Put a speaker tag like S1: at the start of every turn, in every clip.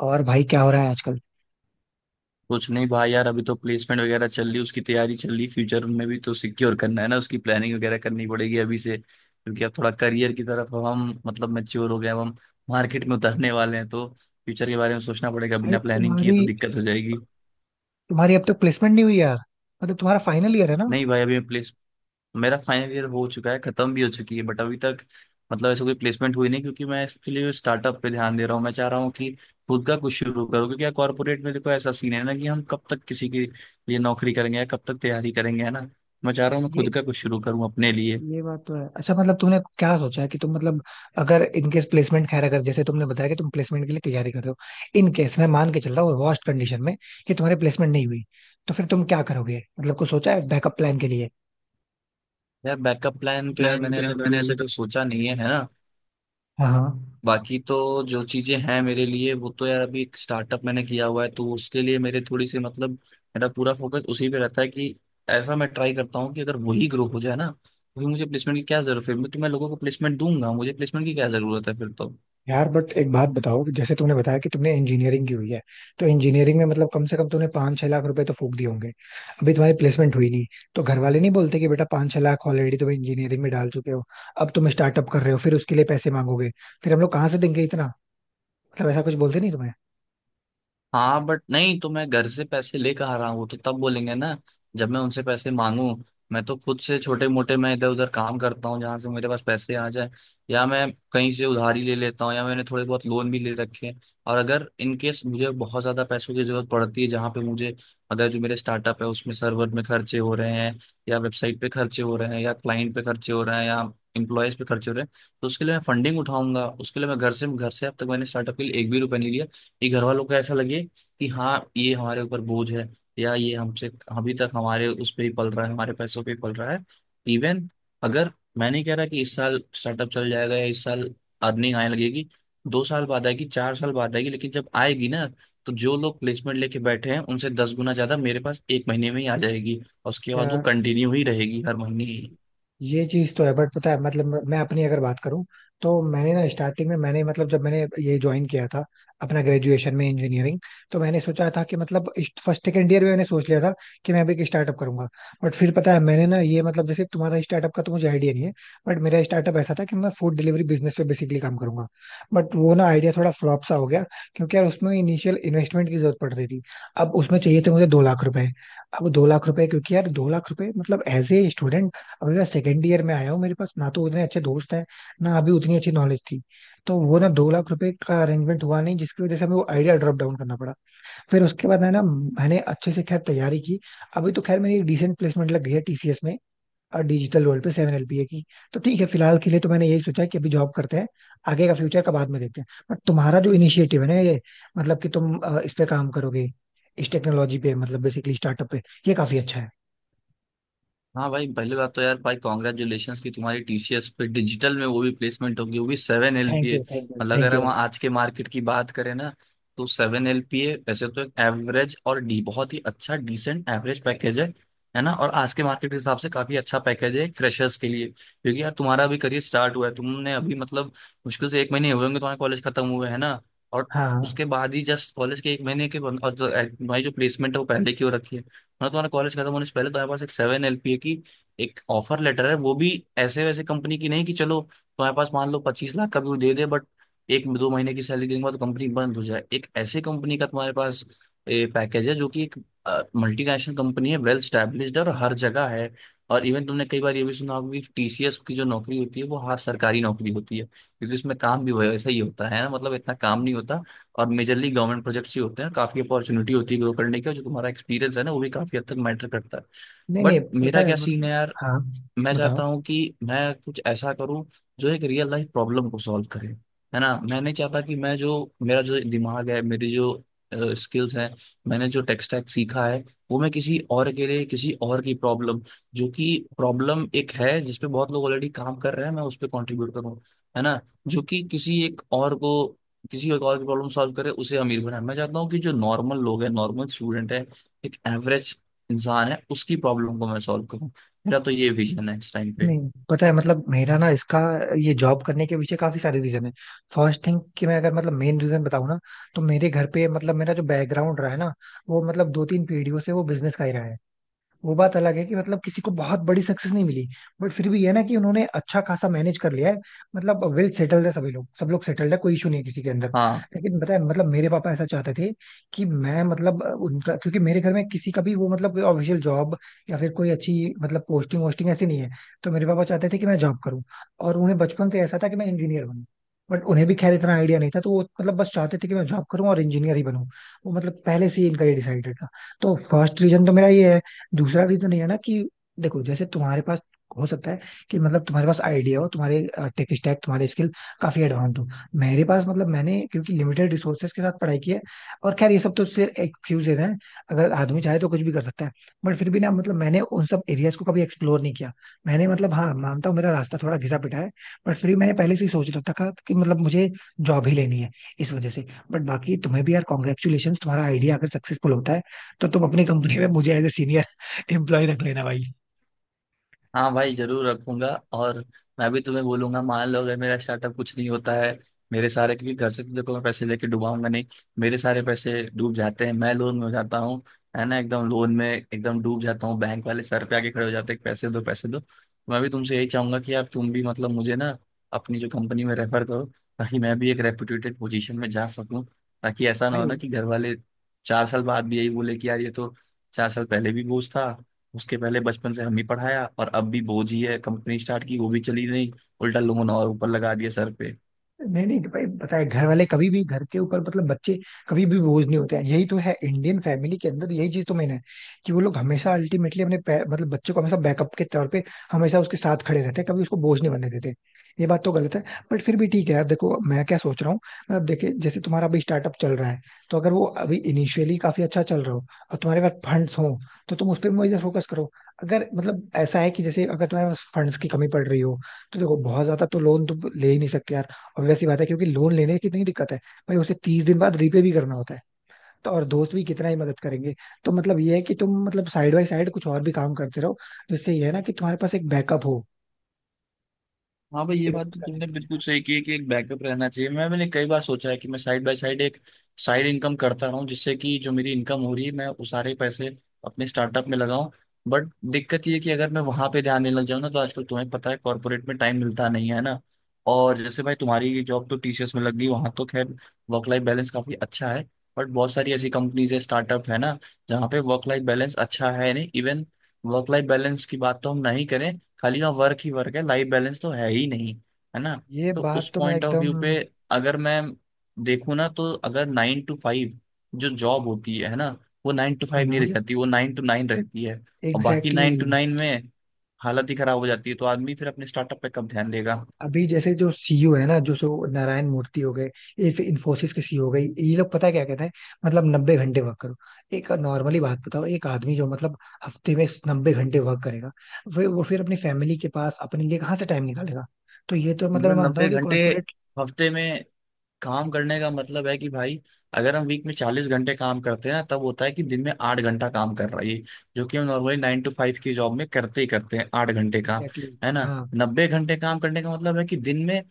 S1: और भाई क्या हो रहा है आजकल।
S2: कुछ नहीं भाई यार। अभी तो प्लेसमेंट वगैरह चल रही, उसकी तैयारी चल रही। फ्यूचर में भी तो सिक्योर करना है ना, उसकी प्लानिंग वगैरह करनी पड़ेगी अभी से, क्योंकि अब थोड़ा करियर की तरफ अब हम मतलब मैच्योर हो गए, अब हम मार्केट में उतरने वाले हैं, तो फ्यूचर के बारे में सोचना पड़ेगा।
S1: भाई
S2: बिना प्लानिंग किए
S1: तुम्हारी
S2: तो दिक्कत हो जाएगी।
S1: तुम्हारी अब तक प्लेसमेंट नहीं हुई यार? मतलब तुम्हारा फाइनल ईयर है ना?
S2: नहीं भाई। अभी मैं मेरा फाइनल ईयर हो चुका है, खत्म भी हो चुकी है, बट अभी तक मतलब ऐसा कोई प्लेसमेंट हुई नहीं, क्योंकि मैं इसके लिए स्टार्टअप पे ध्यान दे रहा हूँ। मैं चाह रहा हूँ कि खुद का कुछ शुरू करूँ, क्योंकि यार कॉर्पोरेट में देखो ऐसा सीन है ना कि हम कब तक किसी के लिए नौकरी करेंगे या कब तक तैयारी करेंगे, है ना। मैं चाह रहा हूँ मैं
S1: ये
S2: खुद का कुछ शुरू करूँ अपने लिए।
S1: ये बात तो है। अच्छा, मतलब तुमने क्या सोचा है कि तुम मतलब अगर इनकेस प्लेसमेंट, खैर, अगर जैसे तुमने बताया कि तुम प्लेसमेंट के लिए तैयारी कर रहे हो, इन केस मैं मान के चल रहा हूँ वर्स्ट कंडीशन में कि तुम्हारी प्लेसमेंट नहीं हुई तो फिर तुम क्या करोगे? मतलब कुछ सोचा है बैकअप प्लान के लिए?
S2: यार बैकअप प्लान तो यार
S1: प्लान
S2: मैंने
S1: तो
S2: ऐसा
S1: यार
S2: कभी
S1: मैंने ऐसे
S2: अभी
S1: कर,
S2: तो सोचा नहीं है, है ना।
S1: हाँ हाँ।
S2: बाकी तो जो चीजें हैं मेरे लिए, वो तो यार अभी एक स्टार्टअप मैंने किया हुआ है, तो उसके लिए मेरे थोड़ी सी मतलब मेरा पूरा फोकस उसी पे रहता है कि ऐसा मैं ट्राई करता हूँ कि अगर वही ग्रो हो जाए ना तो फिर मुझे प्लेसमेंट की क्या जरूरत है। फिर मैं लोगों को प्लेसमेंट दूंगा, मुझे प्लेसमेंट की क्या जरूरत है फिर तो।
S1: यार बट एक बात बताओ कि जैसे तुमने बताया कि तुमने इंजीनियरिंग की हुई है, तो इंजीनियरिंग में मतलब कम से कम तुमने 5-6 लाख रुपए तो फूक दिए होंगे। अभी तुम्हारी प्लेसमेंट हुई नहीं, तो घर वाले नहीं बोलते कि बेटा 5-6 लाख ऑलरेडी तुम इंजीनियरिंग में डाल चुके हो, अब तुम स्टार्टअप कर रहे हो, फिर उसके लिए पैसे मांगोगे, फिर हम लोग कहाँ से देंगे इतना? मतलब ऐसा कुछ बोलते नहीं तुम्हें?
S2: हाँ बट नहीं, तो मैं घर से पैसे लेकर आ रहा हूँ वो तो तब बोलेंगे ना जब मैं उनसे पैसे मांगू। मैं तो खुद से छोटे मोटे मैं इधर उधर काम करता हूँ जहाँ से मेरे पास पैसे आ जाए, या मैं कहीं से उधारी ले लेता हूँ, या मैंने थोड़े बहुत लोन भी ले रखे हैं। और अगर इन केस मुझे बहुत ज्यादा पैसों की जरूरत पड़ती है, जहाँ पे मुझे अगर जो मेरे स्टार्टअप है उसमें सर्वर में खर्चे हो रहे हैं, या वेबसाइट पे खर्चे हो रहे हैं, या क्लाइंट पे खर्चे हो रहे हैं, या एम्प्लॉयज पे खर्चे हो रहे हैं, तो उसके लिए मैं फंडिंग उठाऊंगा। उसके लिए मैं घर से अब तक मैंने स्टार्टअप के लिए एक भी रुपया नहीं लिया। ये घर वालों को ऐसा लगे कि हाँ ये हमारे ऊपर बोझ है, या ये हमसे अभी तक हमारे उस पर ही पल रहा है, हमारे पैसों पे ही पल रहा है। इवन अगर, मैं नहीं कह रहा कि इस साल स्टार्टअप चल जाएगा या इस साल अर्निंग आने लगेगी। 2 साल बाद आएगी, 4 साल बाद आएगी, लेकिन जब आएगी ना, तो जो लोग प्लेसमेंट लेके बैठे हैं उनसे 10 गुना ज्यादा मेरे पास 1 महीने में ही आ जाएगी, और उसके बाद वो
S1: यार
S2: कंटिन्यू ही रहेगी हर महीने।
S1: ये चीज तो है बट पता है मतलब मैं अपनी अगर बात करूं तो मैंने ना स्टार्टिंग में मैंने मतलब जब मैंने ये ज्वाइन किया था अपना ग्रेजुएशन में इंजीनियरिंग, तो मैंने सोचा था कि मतलब फर्स्ट सेकेंड ईयर में मैंने सोच लिया था कि मैं भी एक स्टार्टअप करूंगा। बट फिर पता है मैंने ना ये मतलब जैसे तुम्हारा स्टार्टअप का तो मुझे आइडिया नहीं है, बट मेरा स्टार्टअप ऐसा था कि मैं फूड डिलीवरी बिजनेस पे बेसिकली काम करूंगा। बट वो ना आइडिया थोड़ा फ्लॉप सा हो गया क्योंकि यार उसमें इनिशियल इन्वेस्टमेंट की जरूरत पड़ रही थी। अब उसमें चाहिए थे मुझे 2 लाख रुपए। अब 2 लाख रुपए क्योंकि यार 2 लाख रुपए मतलब एज ए स्टूडेंट, अभी मैं सेकेंड ईयर में आया हूँ, मेरे पास ना तो उतने अच्छे दोस्त हैं, ना अभी उतनी अच्छी नॉलेज थी। तो वो ना 2 लाख रुपए का अरेंजमेंट हुआ नहीं, जिसकी वजह से हमें वो आइडिया ड्रॉप डाउन करना पड़ा। फिर उसके बाद है ना मैंने अच्छे से खैर तैयारी की। अभी तो खैर मेरी डिसेंट प्लेसमेंट लग गई है टीसीएस में, और डिजिटल वर्ल्ड पे 7 LPA की। तो ठीक है, फिलहाल के लिए तो मैंने यही सोचा है कि अभी जॉब करते हैं, आगे का फ्यूचर का बाद में देखते हैं। बट तुम्हारा जो इनिशिएटिव है ना ये, मतलब कि तुम इस पे काम करोगे, इस टेक्नोलॉजी पे मतलब बेसिकली स्टार्टअप पे, ये काफी अच्छा है।
S2: हाँ भाई, पहली बात तो यार भाई कॉन्ग्रेचुलेशन की तुम्हारी टीसीएस पे डिजिटल में वो भी प्लेसमेंट होगी, वो भी seven
S1: thank
S2: LPA
S1: you thank you
S2: मतलब अगर
S1: थैंक यू
S2: हम
S1: भाई।
S2: आज के मार्केट की बात करें ना, तो 7 LPA वैसे तो एक एवरेज और डी बहुत ही अच्छा डिसेंट एवरेज पैकेज है ना। और आज के मार्केट के हिसाब से काफी अच्छा पैकेज है फ्रेशर्स के लिए, क्योंकि यार तुम्हारा अभी करियर स्टार्ट हुआ है, तुमने अभी मतलब मुश्किल से 1 महीने हुए होंगे तुम्हारे कॉलेज खत्म हुए, है ना। और
S1: हाँ।
S2: उसके बाद ही जस्ट कॉलेज के 1 महीने के तुम्हारी जो प्लेसमेंट है वो पहले की हो रखी है। मतलब तुम्हारा कॉलेज खत्म होने से पहले तुम्हारे पास एक 7 LPA की एक ऑफर लेटर है, वो भी ऐसे वैसे कंपनी की नहीं कि चलो तुम्हारे पास मान लो 25 लाख का भी वो दे दे बट एक दो महीने की सैलरी देने के बाद तो कंपनी बंद हो जाए। एक ऐसे कंपनी का तुम्हारे पास पैकेज है जो कि एक मल्टीनेशनल कंपनी है, वेल स्टैब्लिश्ड है, और हर जगह है। और इवन तुमने कई बार ये भी सुना होगा कि टीसीएस की जो नौकरी होती है वो हर सरकारी नौकरी होती है, क्योंकि उसमें काम भी वैसा ही होता है ना, मतलब इतना काम नहीं होता। और मेजरली गवर्नमेंट प्रोजेक्ट्स ही होते हैं, काफी अपॉर्चुनिटी होती है ग्रो करने की, और जो तुम्हारा एक्सपीरियंस है ना वो भी काफी हद तक मैटर करता है।
S1: नहीं
S2: बट
S1: नहीं, पता
S2: मेरा
S1: है
S2: क्या सीन
S1: मतलब।
S2: है यार,
S1: हाँ
S2: मैं
S1: बताओ।
S2: चाहता हूँ कि मैं कुछ ऐसा करूँ जो एक रियल लाइफ प्रॉब्लम को सॉल्व करे, है ना। मैं नहीं चाहता कि मैं जो मेरा जो दिमाग है, मेरी जो स्किल्स हैं, मैंने जो टेक स्टैक सीखा है, वो मैं किसी और के लिए, किसी और की प्रॉब्लम, जो कि प्रॉब्लम एक है जिसपे बहुत लोग ऑलरेडी काम कर रहे हैं, मैं उस पर कॉन्ट्रीब्यूट करूँ, है ना। जो कि किसी एक और को, किसी एक और की प्रॉब्लम सॉल्व करे, उसे अमीर बनाए। मैं चाहता हूँ कि जो नॉर्मल लोग हैं, नॉर्मल स्टूडेंट है, एक एवरेज इंसान है, उसकी प्रॉब्लम को मैं सॉल्व करूँ। मेरा तो ये विजन है इस टाइम पे।
S1: नहीं, पता है मतलब मेरा ना इसका ये जॉब करने के पीछे काफी सारे रीजन है। फर्स्ट थिंग कि मैं अगर मतलब मेन रीजन बताऊं ना, तो मेरे घर पे मतलब मेरा जो बैकग्राउंड रहा है ना, वो मतलब 2-3 पीढ़ियों से वो बिजनेस का ही रहा है। वो बात अलग है कि मतलब किसी को बहुत बड़ी सक्सेस नहीं मिली, बट फिर भी ये ना कि उन्होंने अच्छा खासा मैनेज कर लिया है। मतलब वेल सेटल्ड है सभी लोग, सब लोग सेटल्ड है, कोई इशू नहीं है किसी के अंदर।
S2: हाँ
S1: लेकिन पता है मतलब मेरे पापा ऐसा चाहते थे कि मैं मतलब उनका क्योंकि मेरे घर में किसी का भी वो मतलब कोई ऑफिशियल जॉब या फिर कोई अच्छी मतलब पोस्टिंग वोस्टिंग ऐसी नहीं है, तो मेरे पापा चाहते थे कि मैं जॉब करूँ। और उन्हें बचपन से ऐसा था कि मैं इंजीनियर बनूँ। बट उन्हें भी खैर इतना आइडिया नहीं था, तो वो मतलब बस चाहते थे कि मैं जॉब करूं और इंजीनियर ही बनूं। वो मतलब पहले से ही इनका ये डिसाइडेड था। तो फर्स्ट रीजन तो मेरा ये है। दूसरा रीजन ये है ना कि देखो जैसे तुम्हारे पास हो सकता है कि मतलब तुम्हारे पास आइडिया हो, तुम्हारे टेक स्टैक, तुम्हारे स्किल काफी एडवांस हो। मेरे पास मतलब मैंने क्योंकि लिमिटेड रिसोर्सेज के साथ पढ़ाई की है, और खैर ये सब तो सिर्फ एक्सक्यूजेज हैं, अगर आदमी चाहे तो कुछ भी कर सकता है। बट फिर भी ना मतलब मैंने उन सब एरियाज को कभी एक्सप्लोर नहीं किया। मैंने मतलब हाँ मानता हूँ मेरा रास्ता थोड़ा घिसा पिटा है, बट फिर भी मैंने पहले से ही सोच रखा था कि मतलब मुझे जॉब ही लेनी है, इस वजह से। बट बाकी तुम्हें भी यार कॉन्ग्रेचुलेशन, तुम्हारा आइडिया अगर सक्सेसफुल होता है तो तुम अपनी कंपनी में मुझे एज ए सीनियर एम्प्लॉय रख लेना भाई।
S2: हाँ भाई, जरूर रखूंगा। और मैं भी तुम्हें बोलूंगा, मान लो अगर मेरा स्टार्टअप कुछ नहीं होता है, मेरे सारे, क्योंकि घर से तो देखो मैं पैसे लेके डुबाऊंगा नहीं, मेरे सारे पैसे डूब जाते हैं, मैं लोन में हो जाता हूँ, है ना, एकदम लोन में एकदम डूब जाता हूँ, बैंक वाले सर पे आके खड़े हो जाते हैं पैसे दो पैसे दो, तो मैं भी तुमसे यही चाहूंगा कि यार तुम भी मतलब मुझे ना अपनी जो कंपनी में रेफर करो, ताकि मैं भी एक रेपुटेटेड पोजीशन में जा सकूँ। ताकि ऐसा ना हो
S1: भाई
S2: ना कि घर वाले 4 साल बाद भी यही बोले कि यार ये तो 4 साल पहले भी बोझ था, उसके पहले बचपन से हम ही पढ़ाया, और अब भी बोझ ही है, कंपनी स्टार्ट की वो भी चली नहीं, उल्टा लोन और ऊपर लगा दिया सर।
S1: नहीं नहीं भाई, पता है घर वाले कभी भी घर के ऊपर मतलब बच्चे कभी भी बोझ नहीं होते हैं, यही तो है इंडियन फैमिली के अंदर यही चीज तो मैंने है कि वो लोग हमेशा अल्टीमेटली अपने मतलब बच्चों को हमेशा बैकअप के तौर पे हमेशा उसके साथ खड़े रहते हैं, कभी उसको बोझ नहीं बनने देते। ये बात तो गलत है। बट फिर भी ठीक है यार, देखो मैं क्या सोच रहा हूँ। मतलब देखिए जैसे तुम्हारा अभी स्टार्टअप चल रहा है, तो अगर वो अभी इनिशियली काफी अच्छा चल रहा हो और तुम्हारे पास फंड्स हो, तो तुम उस पर मुझे फोकस करो। अगर मतलब ऐसा है कि जैसे अगर तुम्हारे पास फंड्स की कमी पड़ रही हो, तो देखो बहुत ज्यादा तो लोन तो ले ही नहीं सकते यार। ऑब्वियस सी बात है, क्योंकि लोन लेने की कितनी दिक्कत है भाई, उसे 30 दिन बाद रीपे भी करना होता है। तो और दोस्त भी कितना ही मदद करेंगे। तो मतलब ये है कि तुम मतलब साइड बाय साइड कुछ और भी काम करते रहो, जिससे ये है ना कि तुम्हारे पास एक बैकअप हो
S2: हाँ भाई, ये बात
S1: इन्वेस्ट
S2: तो
S1: करने
S2: तुमने
S1: के लिए।
S2: बिल्कुल सही की है कि एक बैकअप रहना चाहिए। मैंने कई बार सोचा है कि मैं साइड बाय साइड एक साइड इनकम करता रहूं जिससे कि जो मेरी इनकम हो रही है मैं उस सारे पैसे अपने स्टार्टअप में लगाऊं। बट दिक्कत ये है कि अगर मैं वहां पे ध्यान देने लग जाऊं ना तो आजकल तुम्हें पता है कॉर्पोरेट में टाइम मिलता नहीं है ना। और जैसे भाई तुम्हारी जॉब तो टीसीएस में लग गई वहां तो खैर वर्क लाइफ बैलेंस काफी अच्छा है, बट बहुत सारी ऐसी कंपनीज है स्टार्टअप है ना, जहाँ पे वर्क लाइफ बैलेंस अच्छा है नहीं। इवन वर्क लाइफ बैलेंस की बात तो हम नहीं करें, खाली का वर्क ही वर्क है, लाइफ बैलेंस तो है ही नहीं, है ना।
S1: ये
S2: तो उस
S1: बात तो मैं
S2: पॉइंट ऑफ व्यू
S1: एकदम।
S2: पे अगर मैं देखूँ ना, तो अगर 9 to 5 जो जॉब होती है ना, वो 9 to 5 नहीं
S1: हम्म।
S2: रह जाती, वो 9 to 9 रहती है। और बाकी
S1: एग्जैक्टली।
S2: 9 to 9 में हालत ही खराब हो जाती है, तो आदमी फिर अपने स्टार्टअप पे कब ध्यान देगा।
S1: अभी जैसे जो सीईओ है ना, जो सो नारायण मूर्ति हो गए, ये फिर इन्फोसिस के सीईओ हो गए, ये लोग पता है क्या कहते हैं? मतलब 90 घंटे वर्क करो। एक नॉर्मली बात बताओ, एक आदमी जो मतलब हफ्ते में 90 घंटे वर्क करेगा, वो फिर अपनी फैमिली के पास अपने लिए कहाँ से टाइम निकालेगा? तो ये तो मतलब मैं
S2: मतलब
S1: मानता
S2: नब्बे
S1: हूँ कि
S2: घंटे
S1: कॉर्पोरेट।
S2: हफ्ते में काम करने का मतलब है कि भाई अगर हम वीक में 40 घंटे काम करते हैं ना तब होता है कि दिन में 8 घंटा काम कर रहा है ये, जो कि हम नॉर्मली 9 to 5 की जॉब में करते ही करते हैं 8 घंटे काम,
S1: एग्जैक्टली exactly,
S2: है ना।
S1: हाँ।
S2: 90 घंटे काम करने का मतलब है कि दिन में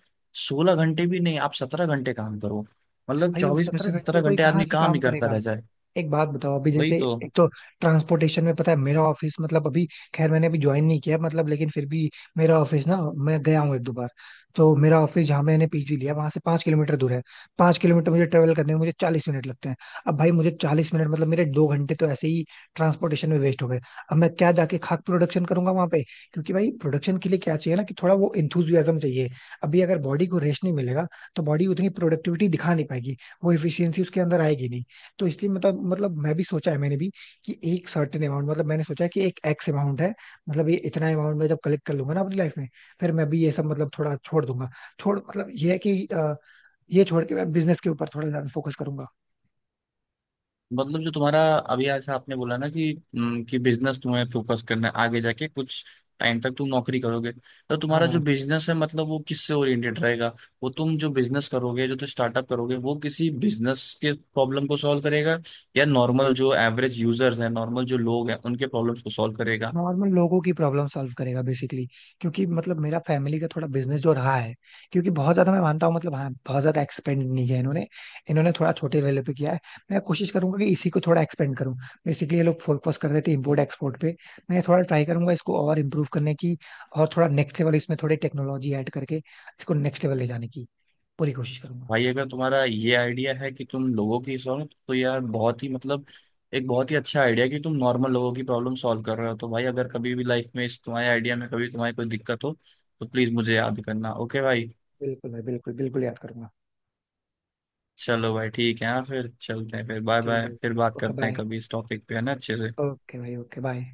S2: 16 घंटे भी नहीं, आप 17 घंटे काम करो। मतलब
S1: भाई वो
S2: 24 में
S1: सत्रह
S2: से
S1: घंटे
S2: सत्रह
S1: कोई
S2: घंटे
S1: कहाँ
S2: आदमी
S1: से
S2: काम
S1: काम
S2: ही करता
S1: करेगा?
S2: रह जाए।
S1: एक बात बताओ, अभी
S2: वही
S1: जैसे,
S2: तो।
S1: एक तो ट्रांसपोर्टेशन में, पता है मेरा ऑफिस मतलब अभी खैर मैंने अभी ज्वाइन नहीं किया, मतलब लेकिन फिर भी मेरा ऑफिस ना, मैं गया हूँ 1-2 बार। तो मेरा ऑफिस जहाँ मैंने पीजी लिया वहां से 5 किलोमीटर दूर है। 5 किलोमीटर मुझे ट्रेवल करने में मुझे 40 मिनट लगते हैं। अब भाई मुझे 40 मिनट मतलब मेरे 2 घंटे तो ऐसे ही ट्रांसपोर्टेशन में वेस्ट हो गए। अब मैं क्या जाके खाक प्रोडक्शन करूंगा वहां पे? क्योंकि भाई प्रोडक्शन के लिए क्या चाहिए ना कि थोड़ा वो इंथुजियाज्म चाहिए। अभी अगर बॉडी को रेस्ट नहीं मिलेगा तो बॉडी उतनी प्रोडक्टिविटी दिखा नहीं पाएगी, वो एफिशिएंसी उसके अंदर आएगी नहीं। तो इसलिए मतलब मैं भी सोचा है, मैंने भी कि एक सर्टेन अमाउंट, मतलब मैंने सोचा है कि एक एक्स अमाउंट है, मतलब ये इतना अमाउंट मैं जब कलेक्ट कर लूंगा ना अपनी लाइफ में, फिर मैं भी ये सब मतलब थोड़ा छोड़ दूंगा। छोड़ मतलब ये है कि ये छोड़ के मैं बिजनेस के ऊपर थोड़ा ज्यादा फोकस करूंगा।
S2: मतलब जो तुम्हारा अभी ऐसा आपने बोला ना कि बिजनेस तुम्हें फोकस करना है, आगे जाके कुछ टाइम तक तुम नौकरी करोगे, तो तुम्हारा जो
S1: हाँ।
S2: बिजनेस है मतलब वो किससे ओरिएंटेड रहेगा। वो तुम जो बिजनेस करोगे, जो तुम स्टार्टअप करोगे, वो किसी बिजनेस के प्रॉब्लम को सॉल्व करेगा, या नॉर्मल जो एवरेज यूजर्स हैं, नॉर्मल जो लोग हैं, उनके प्रॉब्लम्स को सॉल्व करेगा।
S1: नॉर्मल लोगों की प्रॉब्लम सॉल्व करेगा बेसिकली, क्योंकि मतलब मेरा फैमिली का थोड़ा बिजनेस जो रहा है, क्योंकि बहुत ज्यादा, मैं मानता हूँ मतलब हाँ बहुत ज्यादा एक्सपेंड नहीं किया इन्होंने, इन्होंने थोड़ा छोटे लेवल पे किया है। मैं कोशिश करूंगा कि इसी को थोड़ा एक्सपेंड करूँ। बेसिकली ये लोग फोकस कर रहे थे इम्पोर्ट एक्सपोर्ट पे, मैं थोड़ा ट्राई करूंगा इसको और इम्प्रूव करने की, और थोड़ा नेक्स्ट लेवल इसमें थोड़ी टेक्नोलॉजी ऐड करके इसको नेक्स्ट लेवल ले जाने की पूरी कोशिश करूंगा।
S2: भाई अगर तुम्हारा ये आइडिया है कि तुम लोगों की सॉल्व, तो यार बहुत ही मतलब एक बहुत ही अच्छा आइडिया कि तुम नॉर्मल लोगों की प्रॉब्लम सॉल्व कर रहे हो, तो भाई अगर कभी भी लाइफ में इस तुम्हारे आइडिया में कभी तुम्हारी कोई दिक्कत हो, तो प्लीज मुझे याद करना, ओके भाई।
S1: बिल्कुल भाई बिल्कुल बिल्कुल याद करूंगा।
S2: चलो भाई ठीक है, हाँ फिर चलते हैं, फिर बाय
S1: ठीक
S2: बाय,
S1: है।
S2: फिर बात
S1: ओके
S2: करते हैं
S1: बाय।
S2: कभी इस टॉपिक पे, है ना, अच्छे से।
S1: ओके भाई ओके बाय।